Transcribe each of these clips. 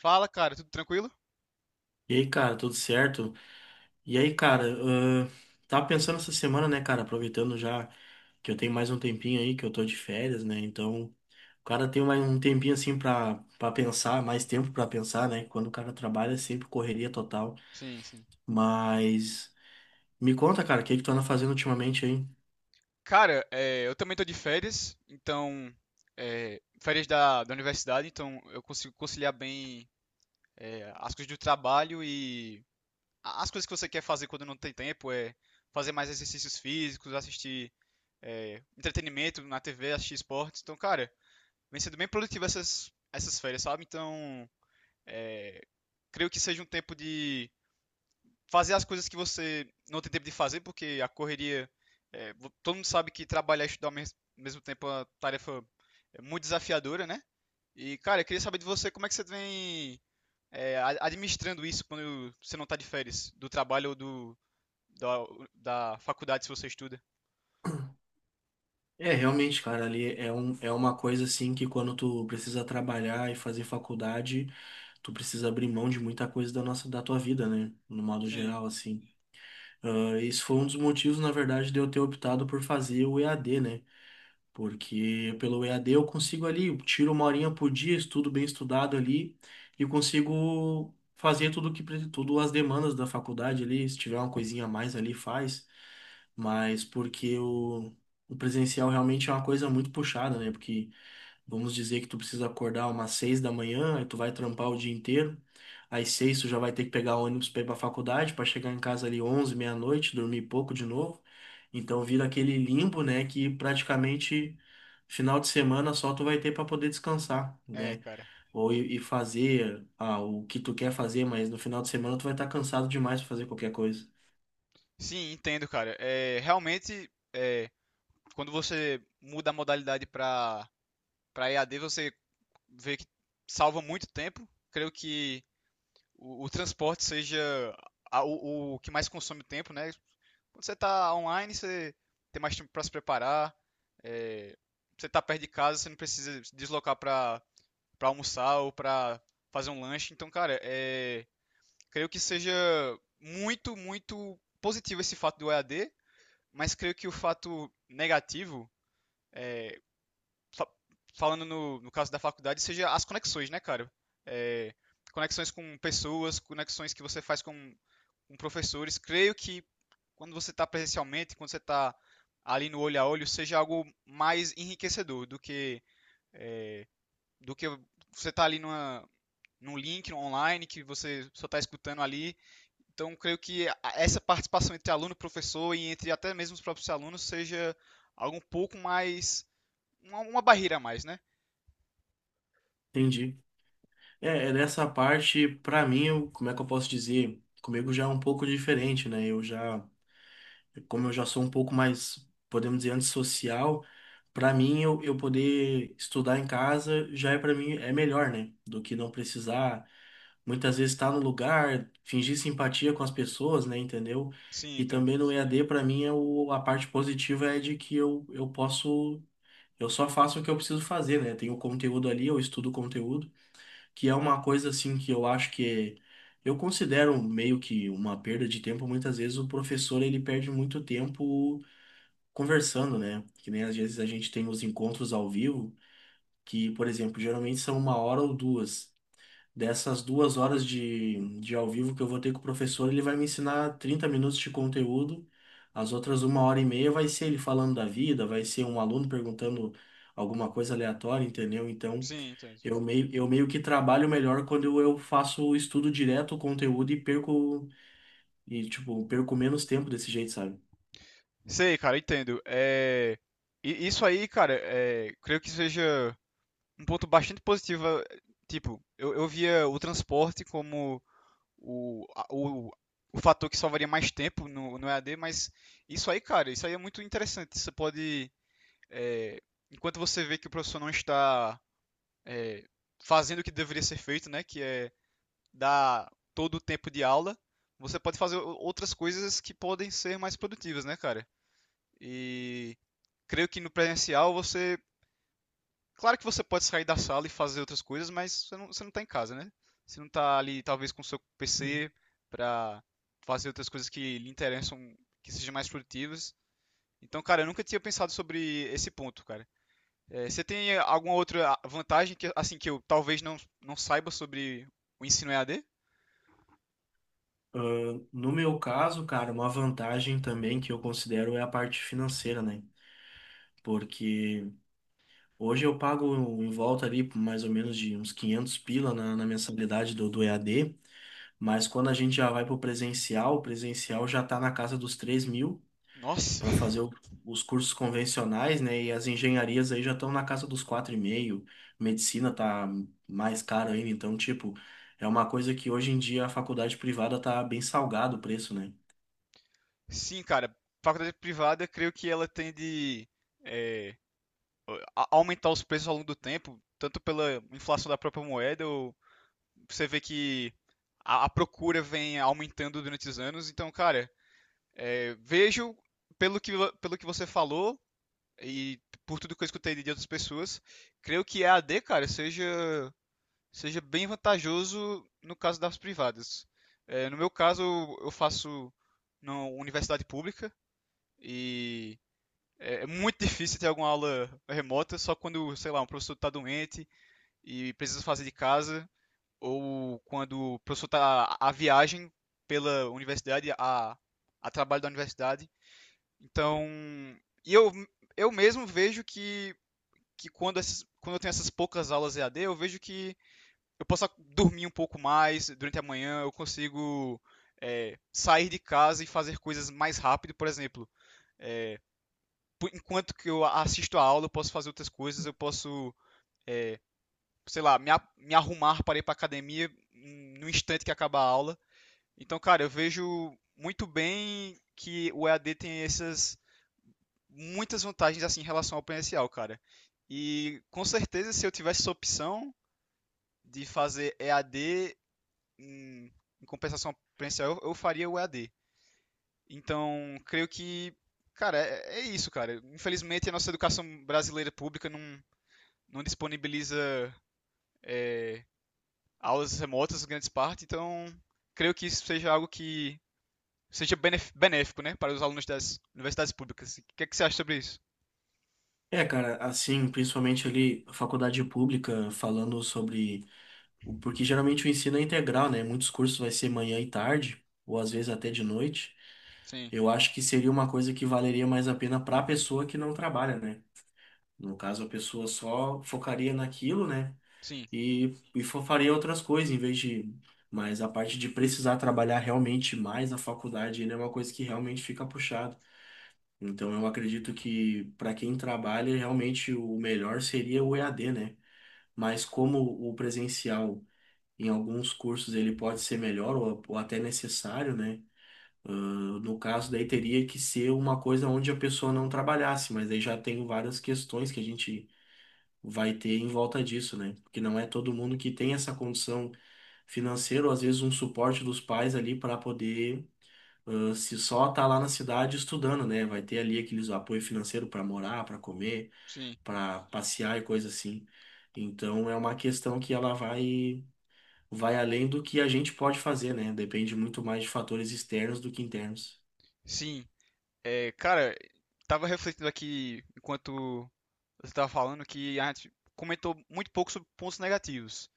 Fala, cara, tudo tranquilo? E aí, cara, tudo certo? E aí, cara, tava pensando essa semana, né, cara, aproveitando já que eu tenho mais um tempinho aí, que eu tô de férias, né? Então, o cara tem mais um tempinho assim pra pensar, mais tempo pra pensar, né? Quando o cara trabalha é sempre correria total. Sim, sim. Mas me conta, cara, o que que tu anda fazendo ultimamente aí? Cara, eu também tô de férias, então, férias da universidade, então eu consigo conciliar bem as coisas do trabalho e as coisas que você quer fazer quando não tem tempo, é fazer mais exercícios físicos, assistir entretenimento na TV, assistir esportes. Então, cara, vem sendo bem produtivo essas férias, sabe? Então, creio que seja um tempo fazer as coisas que você não tem tempo de fazer, porque a correria. Todo mundo sabe que trabalhar e estudar ao mesmo tempo é uma tarefa muito desafiadora, né? E, cara, eu queria saber de você como é que você vem administrando isso quando você não está de férias, do trabalho ou da, da faculdade, se você estuda. É, realmente, cara, ali é uma coisa assim que quando tu precisa trabalhar e fazer faculdade, tu precisa abrir mão de muita coisa da nossa, da tua vida, né? No modo Sim, geral, assim. Ah, esse foi um dos motivos, na verdade, de eu ter optado por fazer o EAD, né? Porque pelo EAD eu consigo ali, eu tiro uma horinha por dia, estudo bem estudado ali e consigo fazer tudo as demandas da faculdade ali. Se tiver uma coisinha a mais ali, faz. Mas porque o presencial realmente é uma coisa muito puxada, né? Porque vamos dizer que tu precisa acordar umas 6 da manhã, aí tu vai trampar o dia inteiro. Às 6 tu já vai ter que pegar ônibus para ir para faculdade, para chegar em casa ali 11, meia-noite, dormir pouco de novo. Então vira aquele limbo, né, que praticamente final de semana só tu vai ter para poder descansar, é, né? cara. Ou e fazer o que tu quer fazer, mas no final de semana tu vai estar cansado demais para fazer qualquer coisa. Sim, entendo, cara. É, realmente, quando você muda a modalidade para E a EAD, você vê que salva muito tempo. Creio que o transporte seja o que mais consome tempo, né? Quando você está online, você tem mais tempo para se preparar. é, você está perto de casa, você não precisa se deslocar para almoçar ou para fazer um lanche. Então, cara, creio que seja muito, muito positivo esse fato do EAD, mas creio que o fato negativo, fa- falando no caso da faculdade, seja as conexões, né, cara? É, conexões com pessoas, conexões que você faz com professores. Creio que quando você está presencialmente, quando você está ali no olho a olho, seja algo mais enriquecedor do que do que você está ali numa, num link online que você só está escutando ali. Então, creio que essa participação entre aluno e professor e entre até mesmo os próprios alunos seja algo um pouco mais. Uma barreira a mais, né? Entendi. É nessa parte, para mim, como é que eu posso dizer? Comigo já é um pouco diferente, né? Eu já como eu já sou um pouco mais, podemos dizer, antissocial, para mim eu poder estudar em casa já é, para mim é melhor, né? Do que não precisar muitas vezes estar no lugar, fingir simpatia com as pessoas, né, entendeu? Sim, E entendo. também no EAD para mim é o, a parte positiva é de que eu posso, eu só faço o que eu preciso fazer, né? Tem o conteúdo ali, eu estudo o conteúdo, que é uma coisa assim que eu acho que eu considero meio que uma perda de tempo. Muitas vezes o professor ele perde muito tempo conversando, né? Que nem às vezes a gente tem os encontros ao vivo, que, por exemplo, geralmente são uma hora ou duas. Dessas 2 horas de ao vivo que eu vou ter com o professor, ele vai me ensinar 30 minutos de conteúdo. As outras uma hora e meia vai ser ele falando da vida, vai ser um aluno perguntando alguma coisa aleatória, entendeu? Então, Sim, entendo. eu meio que trabalho melhor quando eu faço o estudo direto, o conteúdo, e perco, e, tipo, perco menos tempo desse jeito, sabe? Sei, cara, entendo. É, e isso aí, cara, creio que seja um ponto bastante positivo. Tipo, eu via o transporte como o, a- o, o fator que salvaria mais tempo no EAD, mas isso aí, cara, isso aí é muito interessante. Você pode, eh, enquanto você vê que o professor não está, eh, fazendo o que deveria ser feito, né, que é dar todo o tempo de aula, você pode fazer outras coisas que podem ser mais produtivas, né, cara? E creio que no presencial você. Claro que você pode sair da sala e fazer outras coisas, mas você não tá em casa, né? Você não tá ali, talvez, com o seu PC pra fazer outras coisas que lhe interessam, que sejam mais produtivas. Então, cara, eu nunca tinha pensado sobre esse ponto, cara. Você tem alguma outra vantagem que, assim, que eu talvez não saiba sobre o ensino EAD? Ah, no meu caso, cara, uma vantagem também que eu considero é a parte financeira, né? Porque hoje eu pago em volta ali por mais ou menos de uns 500 pila na mensalidade do EAD, mas quando a gente já vai para o presencial já está na casa dos 3 mil Nossa! para fazer os cursos convencionais, né? E as engenharias aí já estão na casa dos quatro e meio, medicina tá mais caro ainda, então, tipo, é uma coisa que hoje em dia a faculdade privada tá bem salgado o preço, né? Sim, cara. Faculdade privada, creio que ela tende eh, a aumentar os preços ao longo do tempo, tanto pela inflação da própria moeda ou você vê que a procura vem aumentando durante os anos. Então, cara, vejo pelo que, pelo que você falou e por tudo que eu escutei de outras pessoas, creio que EAD, cara, seja bem vantajoso no caso das privadas. É, no meu caso, eu faço na universidade pública e é muito difícil ter alguma aula remota, só quando, sei lá, um professor está doente e precisa fazer de casa ou quando o professor está a viagem pela universidade, a trabalho da universidade. Então, e eu mesmo vejo que quando eu tenho essas poucas aulas EAD, eu vejo que eu posso dormir um pouco mais durante a manhã, eu consigo sair de casa e fazer coisas mais rápido, por exemplo. Enquanto que eu assisto a aula, eu posso fazer outras coisas, eu posso, sei lá, me arrumar para ir para a academia no instante que acaba a aula. Então, cara, eu vejo muito bem que o EAD tem essas muitas vantagens assim em relação ao presencial, cara. E com certeza, se eu tivesse essa opção de fazer EAD em, em compensação ao presencial, eu faria o EAD. Então, creio que, cara, é isso, cara. Infelizmente, a nossa educação brasileira pública não disponibiliza aulas remotas, em grande parte, então creio que isso seja algo que seja benéfico, né, para os alunos das universidades públicas. O que é que você acha sobre isso? É, cara, assim, principalmente ali, a faculdade pública, falando sobre. Porque geralmente o ensino é integral, né? Muitos cursos vai ser manhã e tarde, ou às vezes até de noite. Sim, Eu acho que seria uma coisa que valeria mais a pena para a pessoa que não trabalha, né? No caso, a pessoa só focaria naquilo, né? sim, Faria outras coisas, em vez de. Mas a parte de precisar trabalhar realmente mais na faculdade ainda é uma coisa que realmente fica puxado. Então, eu acredito que para quem trabalha, realmente o melhor seria o EAD, né? Mas como o presencial. Em alguns cursos ele pode ser melhor ou até necessário, né? No caso, daí teria que ser uma coisa onde a pessoa não trabalhasse, mas aí já tem várias questões que a gente vai ter em volta disso, né? Porque não é todo mundo que tem essa condição financeira, ou às vezes um suporte dos pais ali para poder, se só tá lá na cidade estudando, né? Vai ter ali aqueles apoio financeiro para morar, para comer, sim, para passear e coisa assim. Então é uma questão que ela vai além do que a gente pode fazer, né? Depende muito mais de fatores externos do que internos. sim. É, cara, tava refletindo aqui enquanto você tava falando que a gente comentou muito pouco sobre pontos negativos.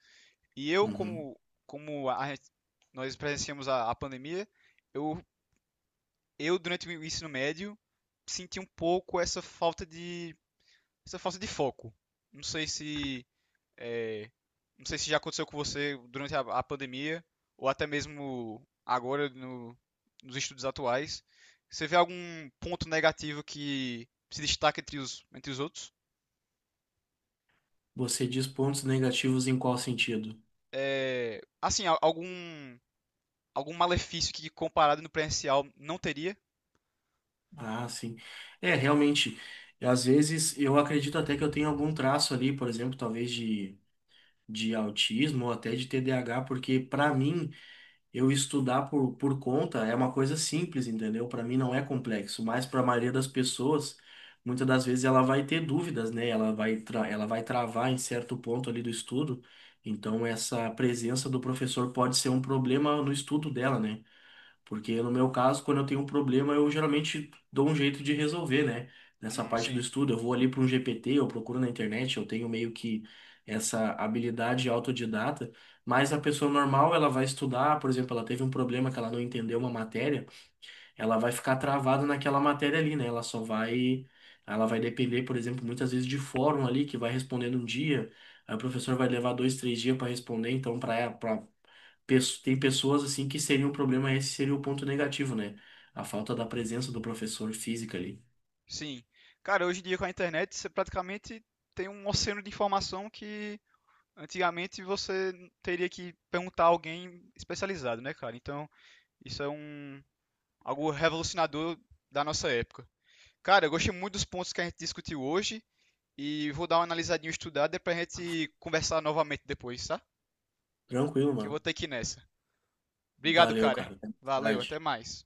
E eu, Uhum. como, como a gente- nós presenciamos a pandemia, eu, eu durante o ensino médio senti um pouco essa falta de foco. Não sei se é, Não sei se já aconteceu com você durante a pandemia, ou até mesmo agora nos estudos atuais. Você vê algum ponto negativo que se destaca entre os outros? Você diz pontos negativos em qual sentido? É, assim, algum malefício que comparado no presencial não teria? Ah, sim. É, realmente, às vezes eu acredito até que eu tenho algum traço ali, por exemplo, talvez de autismo ou até de TDAH, porque para mim. Eu estudar por conta é uma coisa simples, entendeu? Para mim não é complexo, mas para a maioria das pessoas, muitas das vezes ela vai ter dúvidas, né? Ela vai travar em certo ponto ali do estudo. Então, essa presença do professor pode ser um problema no estudo dela, né? Porque no meu caso, quando eu tenho um problema, eu geralmente dou um jeito de resolver, né? Nessa parte do Sim, estudo, eu vou ali para um GPT, eu procuro na internet, eu tenho meio que essa habilidade autodidata. Mas a pessoa normal, ela vai estudar, por exemplo, ela teve um problema que ela não entendeu uma matéria, ela vai ficar travada naquela matéria ali, né? Ela vai depender, por exemplo, muitas vezes de fórum ali que vai respondendo um dia, aí o professor vai levar dois, três dias para responder, então para tem pessoas assim que seria um problema, esse seria o ponto negativo, né? A falta da presença do professor física ali. sim. Cara, hoje em dia com a internet você praticamente tem um oceano de informação que antigamente você teria que perguntar a alguém especializado, né, cara? Então, isso é um, algo revolucionador da nossa época. Cara, eu gostei muito dos pontos que a gente discutiu hoje e vou dar uma analisadinha estudada pra gente conversar novamente depois, tá? Tranquilo, Que eu vou mano. ter que ir nessa. Obrigado, Valeu, cara. cara. Até mais Valeu, tarde. até mais.